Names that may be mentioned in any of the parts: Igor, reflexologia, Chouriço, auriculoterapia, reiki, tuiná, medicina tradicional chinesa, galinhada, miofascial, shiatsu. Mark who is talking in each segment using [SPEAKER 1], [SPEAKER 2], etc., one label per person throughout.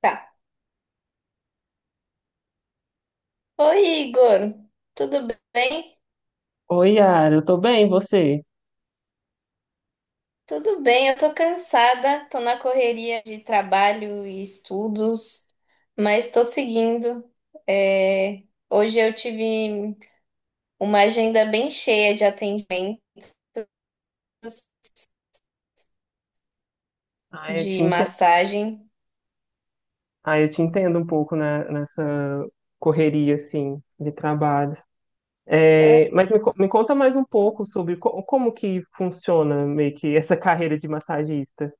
[SPEAKER 1] Tá. Oi, Igor. Tudo bem?
[SPEAKER 2] Oi, Yara, eu tô bem, e você?
[SPEAKER 1] Tudo bem, eu tô cansada, tô na correria de trabalho e estudos, mas tô seguindo. É, Hoje eu tive uma agenda bem cheia de atendimentos,
[SPEAKER 2] Ah, eu te
[SPEAKER 1] de
[SPEAKER 2] entendo,
[SPEAKER 1] massagem.
[SPEAKER 2] ah, eu te entendo um pouco, né, nessa correria, assim, de trabalho.
[SPEAKER 1] Ah.
[SPEAKER 2] É, mas me conta mais um pouco sobre como que funciona meio que essa carreira de massagista.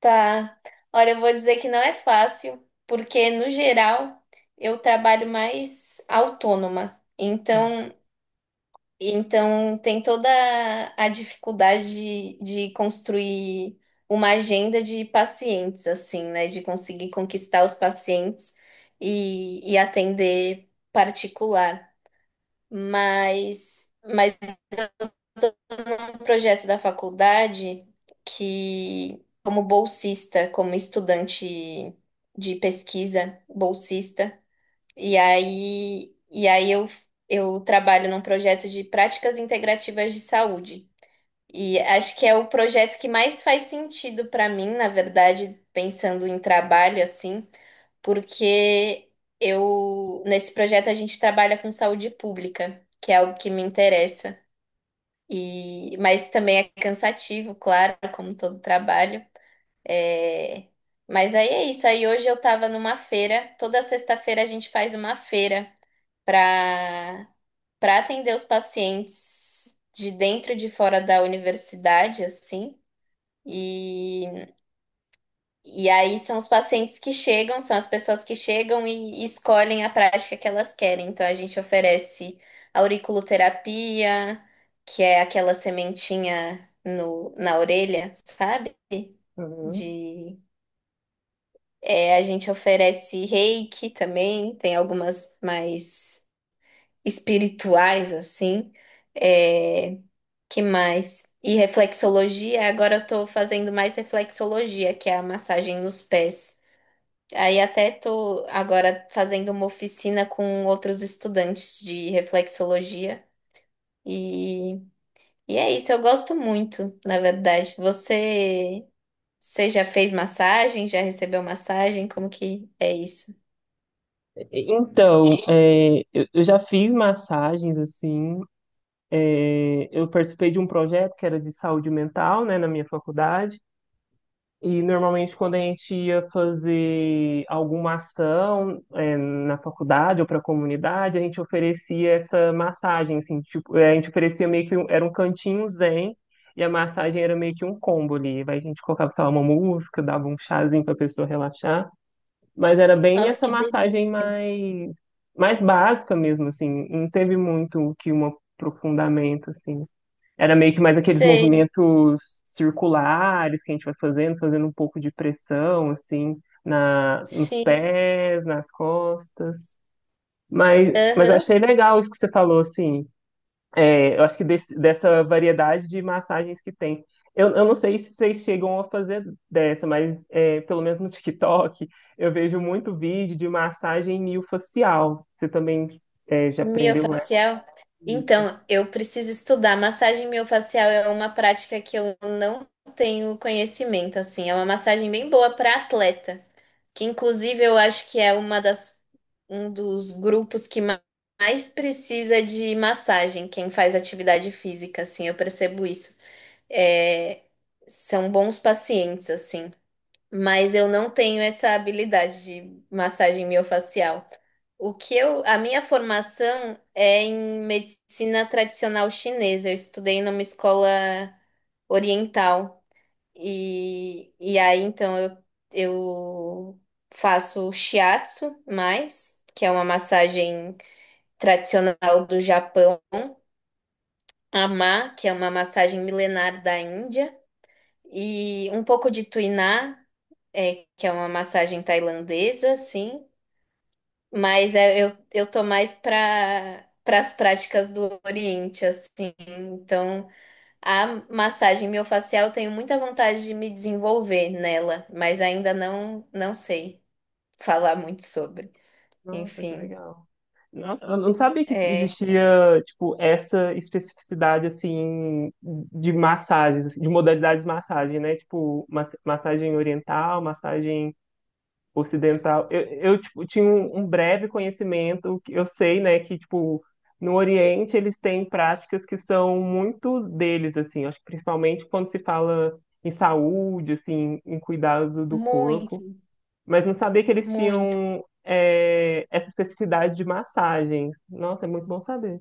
[SPEAKER 1] Tá. Olha, eu vou dizer que não é fácil, porque no geral eu trabalho mais autônoma. Então, tem toda a dificuldade de construir uma agenda de pacientes, assim, né? De conseguir conquistar os pacientes e atender particular. Mas é um projeto da faculdade que, como bolsista, como estudante de pesquisa, bolsista, e aí eu trabalho num projeto de práticas integrativas de saúde. E acho que é o projeto que mais faz sentido para mim, na verdade, pensando em trabalho assim, porque eu nesse projeto a gente trabalha com saúde pública, que é algo que me interessa. E mas também é cansativo, claro, como todo trabalho. É, mas aí é isso. Aí hoje eu estava numa feira. Toda sexta-feira a gente faz uma feira para para atender os pacientes de dentro e de fora da universidade, assim. E, e aí são os pacientes que chegam, são as pessoas que chegam e escolhem a prática que elas querem. Então a gente oferece auriculoterapia, que é aquela sementinha no, na orelha, sabe?
[SPEAKER 2] Uhum.
[SPEAKER 1] De, é, a gente oferece reiki também, tem algumas mais espirituais, assim. É, que mais? E reflexologia, agora eu tô fazendo mais reflexologia, que é a massagem nos pés. Aí até tô agora fazendo uma oficina com outros estudantes de reflexologia. E, e é isso, eu gosto muito, na verdade. Você já fez massagem? Já recebeu massagem? Como que é isso?
[SPEAKER 2] Então, é, eu já fiz massagens, assim, é, eu participei de um projeto que era de saúde mental, né, na minha faculdade. E normalmente quando a gente ia fazer alguma ação, é, na faculdade ou para a comunidade, a gente oferecia essa massagem, assim, tipo, é, a gente oferecia meio que um, era um cantinho zen, e a massagem era meio que um combo ali. Aí a gente colocava, sei lá, uma música, dava um chazinho para a pessoa relaxar, mas era bem
[SPEAKER 1] Nossa,
[SPEAKER 2] essa
[SPEAKER 1] que
[SPEAKER 2] massagem
[SPEAKER 1] delícia.
[SPEAKER 2] mais básica mesmo, assim, não teve muito que um aprofundamento, assim. Era meio que mais aqueles
[SPEAKER 1] Sei,
[SPEAKER 2] movimentos circulares que a gente vai fazendo, fazendo um pouco de pressão, assim, nos
[SPEAKER 1] sim.
[SPEAKER 2] pés, nas costas. Mas eu
[SPEAKER 1] Aham.
[SPEAKER 2] achei legal isso que você falou, assim. É, eu acho que dessa variedade de massagens que tem. Eu não sei se vocês chegam a fazer dessa, mas é, pelo menos no TikTok eu vejo muito vídeo de massagem miofacial. Você também, é, já aprendeu essa?
[SPEAKER 1] Miofacial?
[SPEAKER 2] Isso?
[SPEAKER 1] Então, eu preciso estudar. Massagem miofacial é uma prática que eu não tenho conhecimento, assim. É uma massagem bem boa para atleta, que inclusive eu acho que é uma das, um dos grupos que mais precisa de massagem, quem faz atividade física, assim, eu percebo isso. É, são bons pacientes, assim. Mas eu não tenho essa habilidade de massagem miofacial. O que eu, a minha formação é em medicina tradicional chinesa. Eu estudei numa escola oriental e aí então eu faço shiatsu mais, que é uma massagem tradicional do Japão, ama, que é uma massagem milenar da Índia, e um pouco de tuiná, é, que é uma massagem tailandesa, sim. Mas é, eu tô mais para as práticas do Oriente, assim. Então, a massagem miofascial, eu tenho muita vontade de me desenvolver nela, mas ainda não sei falar muito sobre.
[SPEAKER 2] Nossa, que
[SPEAKER 1] Enfim,
[SPEAKER 2] legal. Nossa, eu não sabia que
[SPEAKER 1] é
[SPEAKER 2] existia, tipo, essa especificidade, assim, de massagens, assim, de modalidades de massagem, né? Tipo, mas- massagem oriental, massagem ocidental. Eu, tipo, tinha um breve conhecimento, que eu sei, né, que, tipo, no Oriente eles têm práticas que são muito deles, assim, acho que principalmente quando se fala em saúde, assim, em cuidado do corpo.
[SPEAKER 1] muito,
[SPEAKER 2] Mas não sabia que eles
[SPEAKER 1] muito.
[SPEAKER 2] tinham, é, essa especificidade de massagens. Nossa, é muito bom saber.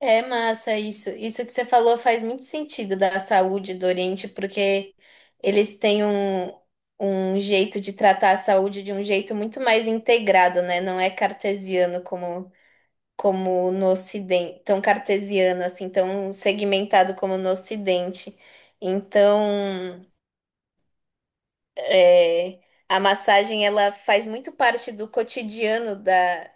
[SPEAKER 1] É massa isso. Isso que você falou faz muito sentido da saúde do Oriente, porque eles têm um, um jeito de tratar a saúde de um jeito muito mais integrado, né? Não é cartesiano como, como no Ocidente, tão cartesiano assim, tão segmentado como no Ocidente. Então, é, a massagem ela faz muito parte do cotidiano da,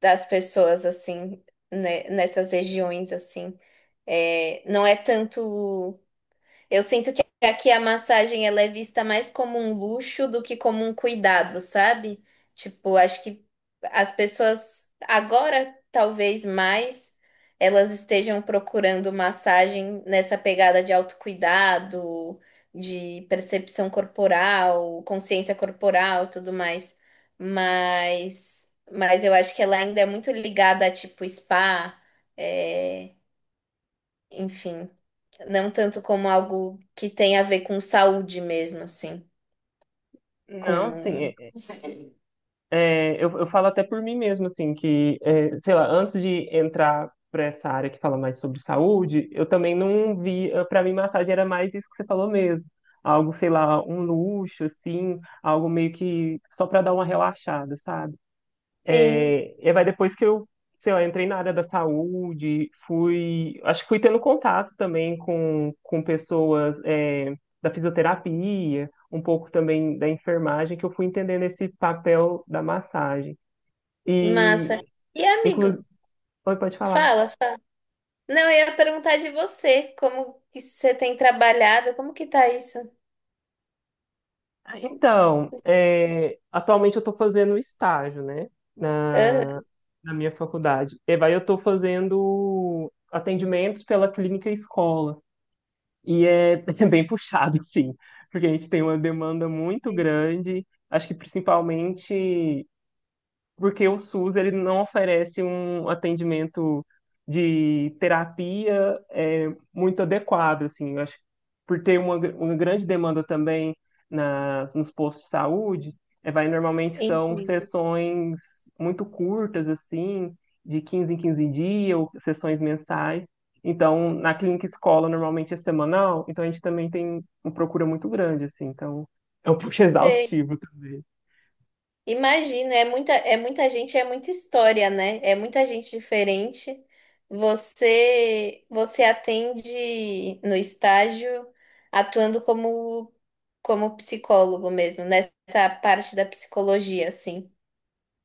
[SPEAKER 1] das pessoas assim, né? Nessas regiões assim. É, não é tanto. Eu sinto que aqui a massagem ela é vista mais como um luxo do que como um cuidado, sabe? Tipo, acho que as pessoas agora, talvez mais, elas estejam procurando massagem nessa pegada de autocuidado, de percepção corporal, consciência corporal, tudo mais. Mas eu acho que ela ainda é muito ligada a tipo spa. É, enfim, não tanto como algo que tem a ver com saúde mesmo, assim,
[SPEAKER 2] Não, sim,
[SPEAKER 1] com...
[SPEAKER 2] eu falo até por mim mesmo, assim, que, é, sei lá, antes de entrar para essa área que fala mais sobre saúde, eu também não via, para mim, massagem era mais isso que você falou mesmo, algo, sei lá, um luxo, assim, algo meio que só para dar uma relaxada, sabe?
[SPEAKER 1] Sim,
[SPEAKER 2] E vai depois que eu, sei lá, entrei na área da saúde, fui, acho que fui tendo contato também com pessoas, é, da fisioterapia, um pouco também da enfermagem, que eu fui entendendo esse papel da massagem.
[SPEAKER 1] massa.
[SPEAKER 2] E,
[SPEAKER 1] E amigo,
[SPEAKER 2] inclusive, oi, pode falar.
[SPEAKER 1] fala, fala. Não, eu ia perguntar de você, como que você tem trabalhado, como que tá isso?
[SPEAKER 2] Ah, então, é, atualmente eu estou fazendo estágio, né,
[SPEAKER 1] Aham,
[SPEAKER 2] na, na minha faculdade. E vai, eu estou fazendo atendimentos pela clínica escola. E é bem puxado, sim, porque a gente tem uma demanda muito grande, acho que principalmente porque o SUS, ele não oferece um atendimento de terapia, é, muito adequado, assim, eu acho, que por ter uma, gr- uma grande demanda também nos postos de saúde, é, vai normalmente são
[SPEAKER 1] entendo.
[SPEAKER 2] sessões muito curtas, assim, de 15 em 15 dias, ou sessões mensais. Então, na clínica escola, normalmente é semanal, então a gente também tem uma procura muito grande, assim, então é um pouco
[SPEAKER 1] Sei.
[SPEAKER 2] exaustivo também.
[SPEAKER 1] Imagino, é muita gente, é muita história, né? É muita gente diferente. Você atende no estágio atuando como, como psicólogo mesmo, nessa parte da psicologia, assim.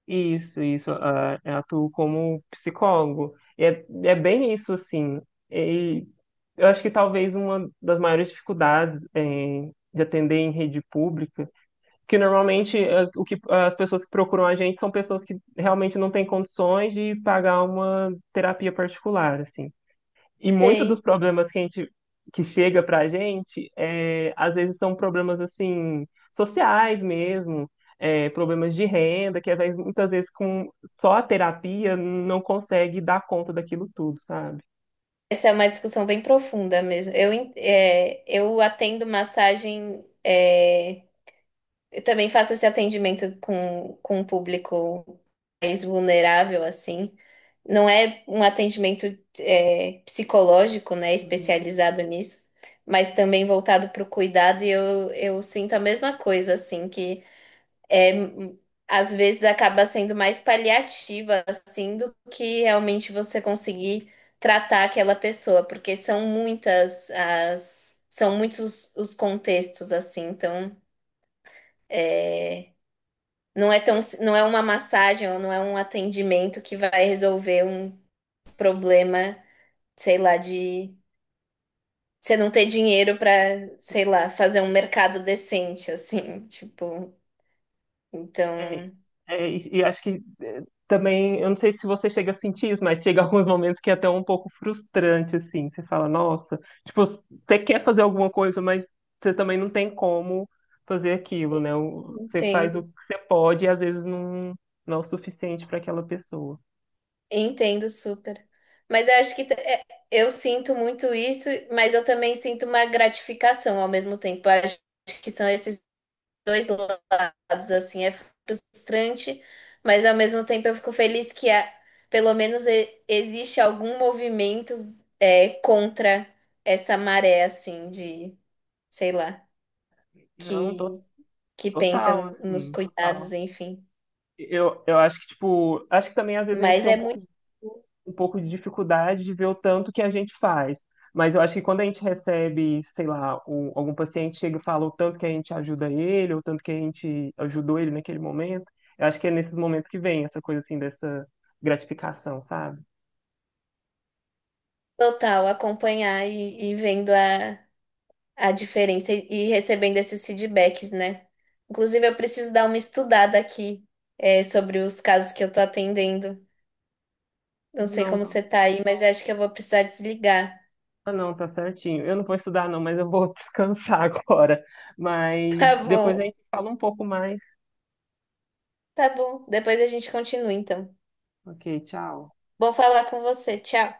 [SPEAKER 2] Isso, isso. Ah, eu atuo como psicólogo. E é, é bem isso, assim. E eu acho que talvez uma das maiores dificuldades em- de atender em rede pública, que normalmente, ah, o que, as pessoas que procuram a gente são pessoas que realmente não têm condições de pagar uma terapia particular, assim. E muitos dos
[SPEAKER 1] Sei.
[SPEAKER 2] problemas que a gente que chega pra gente, é, às vezes são problemas assim sociais mesmo, é, problemas de renda, que às vezes, muitas vezes com só a terapia não consegue dar conta daquilo tudo, sabe?
[SPEAKER 1] Essa é uma discussão bem profunda mesmo. Eu, é, eu atendo massagem, é, eu também faço esse atendimento com um público mais vulnerável, assim. Não é um atendimento é, psicológico, né,
[SPEAKER 2] Uhum.
[SPEAKER 1] especializado nisso, mas também voltado para o cuidado, e eu sinto a mesma coisa, assim, que é, às vezes acaba sendo mais paliativa, assim, do que realmente você conseguir tratar aquela pessoa, porque são muitas as, são muitos os contextos, assim, então. É, não é tão, si, não é uma massagem ou não é um atendimento que vai resolver um problema, sei lá, de você não ter dinheiro para, sei lá, fazer um mercado decente, assim, tipo,
[SPEAKER 2] É,
[SPEAKER 1] então,
[SPEAKER 2] é, e acho que é, também, eu não sei se você chega a sentir isso, mas chega alguns momentos que é até um pouco frustrante, assim. Você fala, nossa, tipo, você quer fazer alguma coisa, mas você também não tem como fazer aquilo, né? O- Você faz
[SPEAKER 1] entendo,
[SPEAKER 2] o que você pode e às vezes não, não é o suficiente para aquela pessoa.
[SPEAKER 1] entendo super. Mas eu acho que é, eu sinto muito isso, mas eu também sinto uma gratificação ao mesmo tempo. Eu acho que são esses dois lados, assim, é frustrante, mas ao mesmo tempo eu fico feliz pelo menos existe algum movimento é, contra essa maré, assim, de, sei lá,
[SPEAKER 2] Não,
[SPEAKER 1] que, que pensa
[SPEAKER 2] total,
[SPEAKER 1] nos
[SPEAKER 2] assim,
[SPEAKER 1] cuidados,
[SPEAKER 2] total.
[SPEAKER 1] enfim.
[SPEAKER 2] Eu acho que, tipo, acho que também às vezes a gente
[SPEAKER 1] Mas
[SPEAKER 2] tem um
[SPEAKER 1] é
[SPEAKER 2] pouco
[SPEAKER 1] muito
[SPEAKER 2] um pouco de dificuldade de ver o tanto que a gente faz. Mas eu acho que quando a gente recebe, sei lá, o- algum paciente chega e fala o tanto que a gente ajuda ele, ou o tanto que a gente ajudou ele naquele momento, eu acho que é nesses momentos que vem essa coisa assim dessa gratificação, sabe?
[SPEAKER 1] total acompanhar e vendo a diferença e recebendo esses feedbacks, né? Inclusive, eu preciso dar uma estudada aqui, é, sobre os casos que eu tô atendendo.
[SPEAKER 2] Ah,
[SPEAKER 1] Não sei
[SPEAKER 2] não,
[SPEAKER 1] como
[SPEAKER 2] tá.
[SPEAKER 1] você tá aí, mas eu acho que eu vou precisar desligar.
[SPEAKER 2] Ah, não, tá certinho. Eu não vou estudar, não, mas eu vou descansar agora. Mas
[SPEAKER 1] Tá
[SPEAKER 2] depois
[SPEAKER 1] bom,
[SPEAKER 2] a gente fala um pouco mais.
[SPEAKER 1] tá bom. Depois a gente continua, então.
[SPEAKER 2] Ok, tchau.
[SPEAKER 1] Vou falar com você. Tchau.